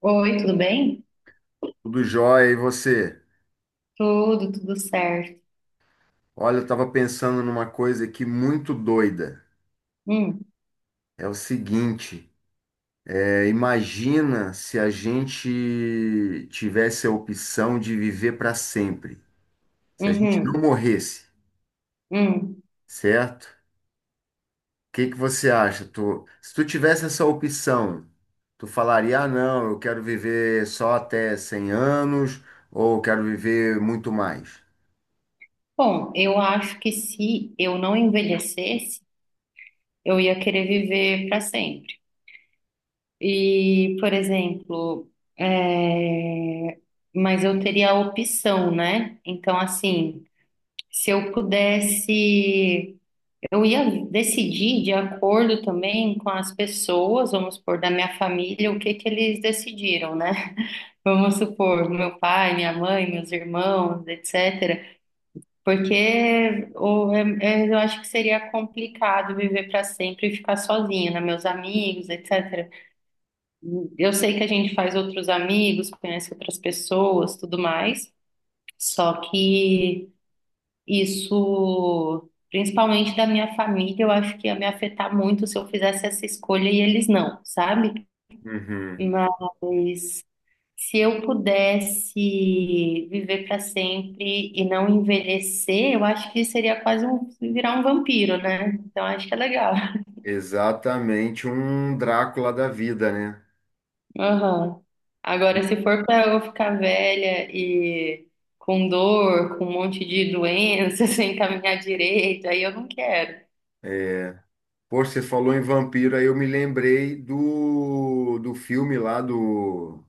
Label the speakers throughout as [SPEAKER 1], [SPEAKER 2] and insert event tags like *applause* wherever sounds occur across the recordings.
[SPEAKER 1] Oi, tudo bem?
[SPEAKER 2] Tudo jóia, e você?
[SPEAKER 1] Tudo certo.
[SPEAKER 2] Olha, eu tava pensando numa coisa aqui muito doida.
[SPEAKER 1] Hum.
[SPEAKER 2] É o seguinte, imagina se a gente tivesse a opção de viver para sempre, se a gente não
[SPEAKER 1] Uhum,
[SPEAKER 2] morresse,
[SPEAKER 1] hum.
[SPEAKER 2] certo? O que que você acha? Tu, se tu tivesse essa opção, tu falaria, ah, não, eu quero viver só até 100 anos, ou eu quero viver muito mais?
[SPEAKER 1] Bom, eu acho que se eu não envelhecesse, eu ia querer viver para sempre. E, por exemplo, é, mas eu teria a opção, né? Então, assim, se eu pudesse, eu ia decidir de acordo também com as pessoas, vamos supor, da minha família, o que que eles decidiram, né? Vamos supor, meu pai, minha mãe, meus irmãos, etcétera. Porque o- é- é- Eu acho que seria complicado viver para sempre e ficar sozinha, né? Meus amigos, etc. Eu sei que a gente faz outros amigos, conhece outras pessoas, tudo mais. Só que isso, principalmente da minha família, eu acho que ia me afetar muito se eu fizesse essa escolha e eles não, sabe?
[SPEAKER 2] Uhum.
[SPEAKER 1] Mas se eu pudesse viver para sempre e não envelhecer, eu acho que seria quase um virar um vampiro, né? Então acho que é legal.
[SPEAKER 2] Exatamente um Drácula da vida, né?
[SPEAKER 1] *laughs* Aham. Agora, se for para eu ficar velha e com dor, com um monte de doença, *laughs* sem caminhar direito, aí eu não quero.
[SPEAKER 2] Pô, você falou em vampiro, aí eu me lembrei do filme lá do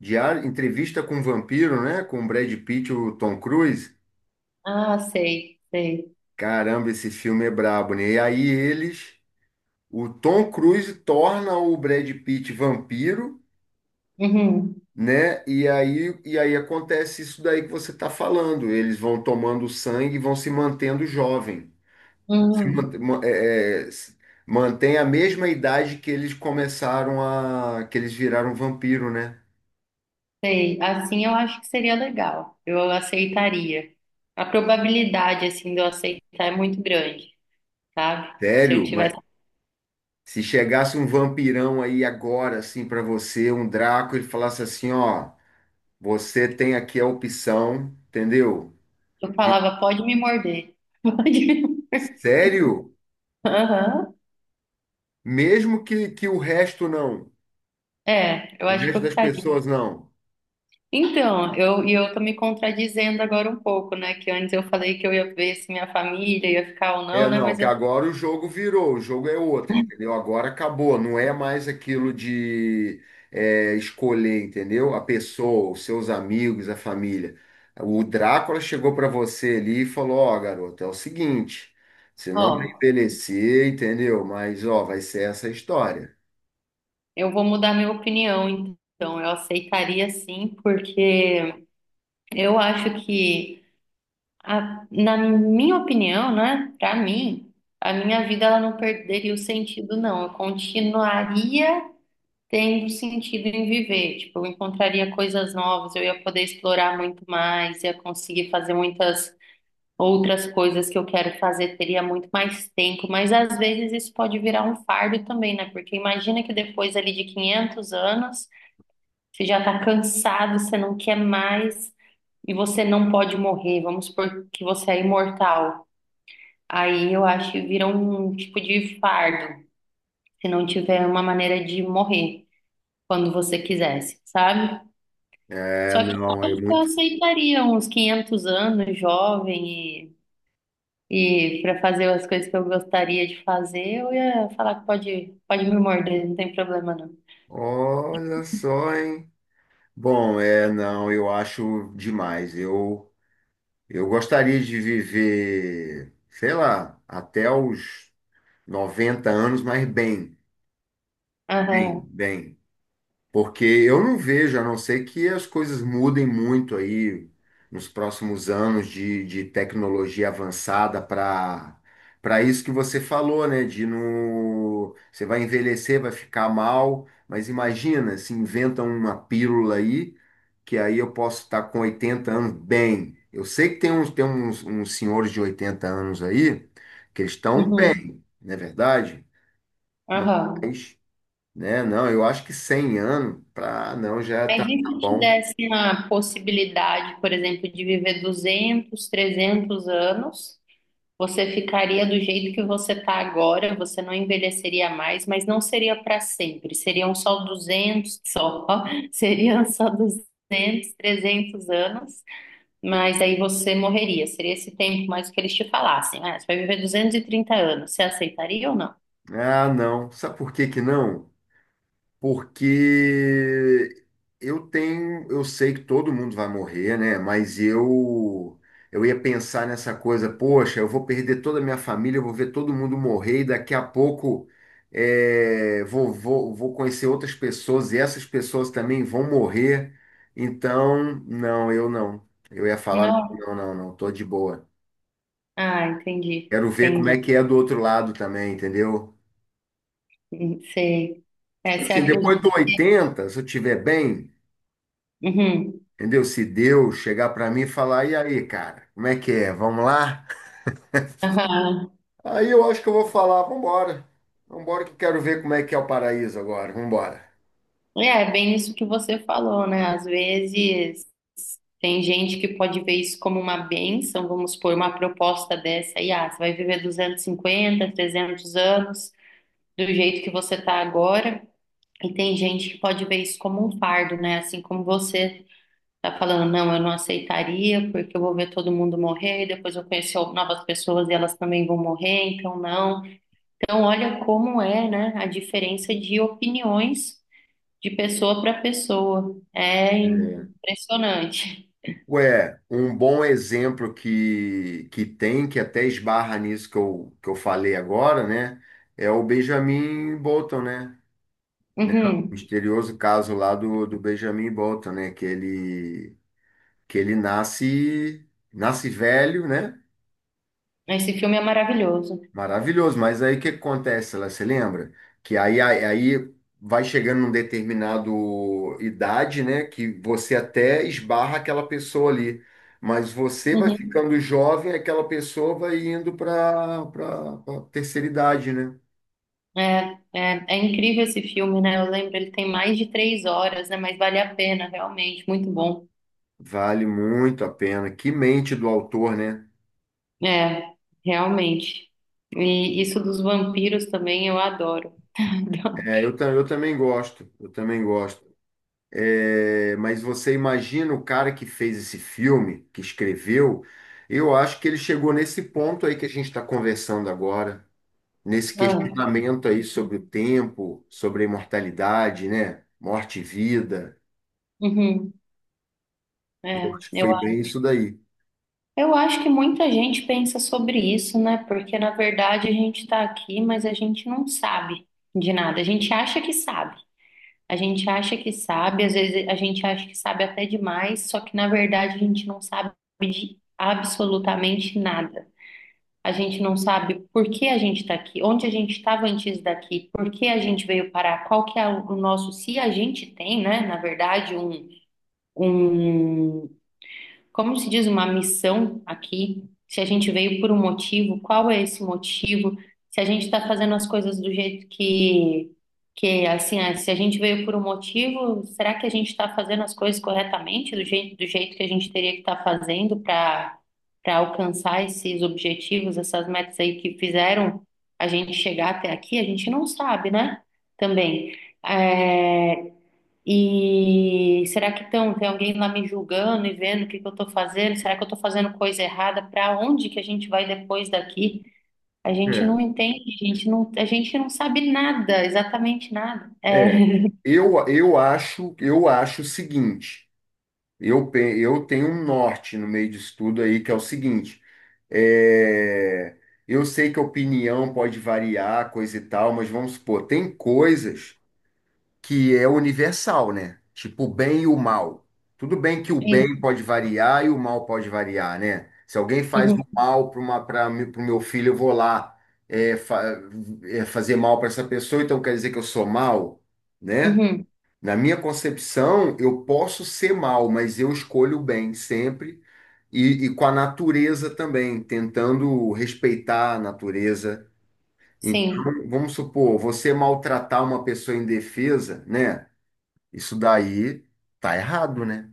[SPEAKER 2] Diário, Entrevista com o Vampiro, né? Com o Brad Pitt e o Tom Cruise.
[SPEAKER 1] Ah, sei, sei.
[SPEAKER 2] Caramba, esse filme é brabo, né? E aí eles, o Tom Cruise torna o Brad Pitt vampiro,
[SPEAKER 1] Uhum,
[SPEAKER 2] né? E aí acontece isso daí que você está falando. Eles vão tomando sangue e vão se mantendo jovem.
[SPEAKER 1] uhum,
[SPEAKER 2] Man- ma- é, é, s- Mantém a mesma idade que eles começaram a, que eles viraram vampiro, né?
[SPEAKER 1] sei. Assim eu acho que seria legal. Eu aceitaria. A probabilidade assim de eu aceitar é muito grande, sabe? Se eu
[SPEAKER 2] Sério, mas
[SPEAKER 1] tivesse,
[SPEAKER 2] se chegasse um vampirão aí agora, assim, pra você, um Draco, ele falasse assim, ó, você tem aqui a opção, entendeu?
[SPEAKER 1] eu
[SPEAKER 2] De-
[SPEAKER 1] falava, pode me morder. *laughs* Pode me...
[SPEAKER 2] Sério?
[SPEAKER 1] Aham.
[SPEAKER 2] Mesmo que o resto não,
[SPEAKER 1] É, eu
[SPEAKER 2] o
[SPEAKER 1] acho que
[SPEAKER 2] resto
[SPEAKER 1] eu
[SPEAKER 2] das
[SPEAKER 1] ficaria.
[SPEAKER 2] pessoas não.
[SPEAKER 1] Então, eu tô me contradizendo agora um pouco, né? Que antes eu falei que eu ia ver se minha família ia ficar ou
[SPEAKER 2] É,
[SPEAKER 1] não, né?
[SPEAKER 2] não, que agora o jogo virou, o jogo é outro, entendeu? Agora acabou, não é mais aquilo de escolher, entendeu? A pessoa, os seus amigos, a família. O Drácula chegou para você ali e falou: Ó, garoto, é o seguinte, você não vai
[SPEAKER 1] Ó,
[SPEAKER 2] envelhecer, entendeu? Mas, ó, vai ser essa a história.
[SPEAKER 1] eu vou mudar minha opinião, então. Eu aceitaria sim, porque eu acho que, na minha opinião, né? Pra mim, a minha vida ela não perderia o sentido, não. Eu continuaria tendo sentido em viver, tipo, eu encontraria coisas novas, eu ia poder explorar muito mais, ia conseguir fazer muitas outras coisas que eu quero fazer, teria muito mais tempo, mas às vezes isso pode virar um fardo também, né? Porque imagina que depois ali de 500 anos, você já tá cansado, você não quer mais e você não pode morrer, vamos supor que você é imortal. Aí eu acho que vira um tipo de fardo, se não tiver uma maneira de morrer quando você quisesse, sabe?
[SPEAKER 2] É,
[SPEAKER 1] Só que
[SPEAKER 2] não, é
[SPEAKER 1] eu
[SPEAKER 2] muito.
[SPEAKER 1] aceitaria uns 500 anos, jovem, e, para fazer as coisas que eu gostaria de fazer, eu ia falar que pode, pode me morder, não tem problema não.
[SPEAKER 2] Olha só, hein? Bom, é, não, eu acho demais. Eu. Eu gostaria de viver, sei lá, até os 90 anos, mas bem, bem,
[SPEAKER 1] Aham,
[SPEAKER 2] bem. Porque eu não vejo, a não ser que as coisas mudem muito aí nos próximos anos de, tecnologia avançada para isso que você falou, né? De no, você vai envelhecer, vai ficar mal, mas imagina se inventam uma pílula aí, que aí eu posso estar com 80 anos bem. Eu sei que tem uns, tem uns senhores de 80 anos aí que eles estão
[SPEAKER 1] uhum,
[SPEAKER 2] bem, não é verdade?
[SPEAKER 1] aham.
[SPEAKER 2] Mas né? Não, eu acho que 100 anos, pra, "Ah, não, já
[SPEAKER 1] Mas
[SPEAKER 2] tá,
[SPEAKER 1] e
[SPEAKER 2] tá
[SPEAKER 1] se te
[SPEAKER 2] bom.
[SPEAKER 1] dessem a possibilidade, por exemplo, de viver 200 300 anos? Você ficaria do jeito que você está agora, você não envelheceria mais, mas não seria para sempre. Seriam só 200 só. *laughs* Seriam só 200, 300 anos, mas aí você morreria. Seria esse tempo mais que eles te falassem. Ah, você vai viver 230 anos. Você aceitaria ou não?
[SPEAKER 2] Ah, não. Sabe por que que não? Porque eu tenho, eu sei que todo mundo vai morrer, né? Mas eu ia pensar nessa coisa, poxa, eu vou perder toda a minha família, eu vou ver todo mundo morrer e daqui a pouco vou conhecer outras pessoas e essas pessoas também vão morrer. Então, não, eu não. Eu ia falar, não,
[SPEAKER 1] Não?
[SPEAKER 2] não, não, não, tô de boa.
[SPEAKER 1] Ah, entendi.
[SPEAKER 2] Quero ver como é
[SPEAKER 1] Entendi.
[SPEAKER 2] que é do outro lado também, entendeu?
[SPEAKER 1] Sei. É,
[SPEAKER 2] Tipo
[SPEAKER 1] você
[SPEAKER 2] assim, depois
[SPEAKER 1] acredita?
[SPEAKER 2] do 80, se eu estiver bem,
[SPEAKER 1] Uhum.
[SPEAKER 2] entendeu? Se Deus chegar pra mim e falar, e aí, cara, como é que é? Vamos lá?
[SPEAKER 1] Aham.
[SPEAKER 2] Aí eu acho que eu vou falar, vambora. Vambora que eu quero ver como é que é o paraíso agora, vambora.
[SPEAKER 1] É, é bem isso que você falou, né? Às vezes. Tem gente que pode ver isso como uma bênção, vamos supor, uma proposta dessa aí, ah, você vai viver 250, 300 anos do jeito que você está agora. E tem gente que pode ver isso como um fardo, né? Assim como você está falando, não, eu não aceitaria, porque eu vou ver todo mundo morrer, e depois eu conhecer novas pessoas e elas também vão morrer, então não. Então, olha como é, né, a diferença de opiniões de pessoa para pessoa. É
[SPEAKER 2] É.
[SPEAKER 1] impressionante.
[SPEAKER 2] Ué, um bom exemplo que tem, que até esbarra nisso que eu falei agora, né? É o Benjamin Bolton, né? Né? O
[SPEAKER 1] Uhum.
[SPEAKER 2] misterioso caso lá do Benjamin Bolton, né? Que ele nasce, velho, né?
[SPEAKER 1] Esse filme é maravilhoso.
[SPEAKER 2] Maravilhoso. Mas aí o que acontece, lá, você lembra? Que aí vai chegando num determinado idade, né? Que você até esbarra aquela pessoa ali. Mas você vai
[SPEAKER 1] Uhum.
[SPEAKER 2] ficando jovem, aquela pessoa vai indo para a terceira idade, né?
[SPEAKER 1] É incrível esse filme, né? Eu lembro, ele tem mais de 3 horas, né? Mas vale a pena, realmente, muito bom.
[SPEAKER 2] Vale muito a pena. Que mente do autor, né?
[SPEAKER 1] É, realmente. E isso dos vampiros também eu adoro. *laughs*
[SPEAKER 2] É, eu, eu também gosto. Eu também gosto. É, mas você imagina o cara que fez esse filme, que escreveu, eu acho que ele chegou nesse ponto aí que a gente está conversando agora, nesse
[SPEAKER 1] Ah,
[SPEAKER 2] questionamento aí sobre o tempo, sobre a imortalidade, né? Morte e vida.
[SPEAKER 1] uhum,
[SPEAKER 2] Eu
[SPEAKER 1] é,
[SPEAKER 2] acho que
[SPEAKER 1] eu,
[SPEAKER 2] foi bem
[SPEAKER 1] a-
[SPEAKER 2] isso daí.
[SPEAKER 1] eu acho que muita gente pensa sobre isso, né? Porque na verdade a gente está aqui, mas a gente não sabe de nada. A gente acha que sabe. A gente acha que sabe, às vezes a gente acha que sabe até demais, só que na verdade a gente não sabe de absolutamente nada. A gente não sabe por que a gente está aqui, onde a gente estava antes daqui, por que a gente veio parar, qual que é o nosso, se a gente tem, né, na verdade, um como se diz, uma missão aqui, se a gente veio por um motivo, qual é esse motivo? Se a gente está fazendo as coisas que assim, ah, se a gente veio por um motivo, será que a gente está fazendo as coisas corretamente, do jeito que a gente teria que estar fazendo para alcançar esses objetivos, essas metas aí que fizeram a gente chegar até aqui? A gente não sabe, né? Também. É, e será que tão, tem alguém lá me julgando e vendo o que que eu estou fazendo? Será que eu estou fazendo coisa errada? Para onde que a gente vai depois daqui? A gente
[SPEAKER 2] É,
[SPEAKER 1] não entende, a gente não sabe nada, exatamente nada.
[SPEAKER 2] é.
[SPEAKER 1] É,
[SPEAKER 2] Eu acho o seguinte. Eu tenho um norte no meio disso tudo aí, que é o seguinte: é, eu sei que a opinião pode variar, coisa e tal, mas vamos supor, tem coisas que é universal, né? Tipo o bem e o mal. Tudo bem que o
[SPEAKER 1] sim,
[SPEAKER 2] bem pode variar e o mal pode variar, né? Se alguém faz
[SPEAKER 1] uhum,
[SPEAKER 2] o mal para o meu filho, eu vou lá é, fa- fazer mal para essa pessoa, então quer dizer que eu sou mal, né?
[SPEAKER 1] uhum,
[SPEAKER 2] Na minha concepção, eu posso ser mal, mas eu escolho o bem sempre e com a natureza também, tentando respeitar a natureza.
[SPEAKER 1] sim,
[SPEAKER 2] Então, vamos supor, você maltratar uma pessoa indefesa, né? Isso daí tá errado, né?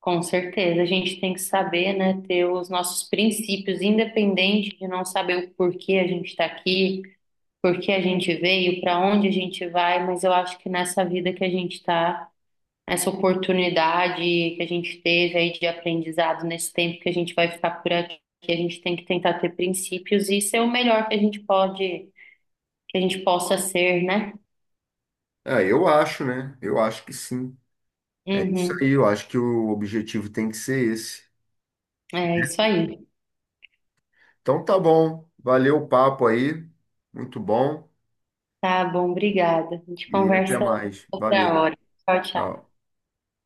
[SPEAKER 1] com certeza. A gente tem que saber, né, ter os nossos princípios, independente de não saber o porquê a gente está aqui, por que a gente veio, para onde a gente vai, mas eu acho que nessa vida que a gente está, essa oportunidade que a gente teve aí de aprendizado nesse tempo que a gente vai ficar por aqui, a gente tem que tentar ter princípios e ser o melhor que a gente pode, que a gente possa ser, né?
[SPEAKER 2] É, eu acho, né? Eu acho que sim. É isso
[SPEAKER 1] Uhum.
[SPEAKER 2] aí, eu acho que o objetivo tem que ser esse.
[SPEAKER 1] É isso aí.
[SPEAKER 2] Então tá bom, valeu o papo aí, muito bom
[SPEAKER 1] Tá bom, obrigada. A gente
[SPEAKER 2] e até
[SPEAKER 1] conversa
[SPEAKER 2] mais.
[SPEAKER 1] outra
[SPEAKER 2] Valeu,
[SPEAKER 1] hora. Tchau, tchau.
[SPEAKER 2] tchau.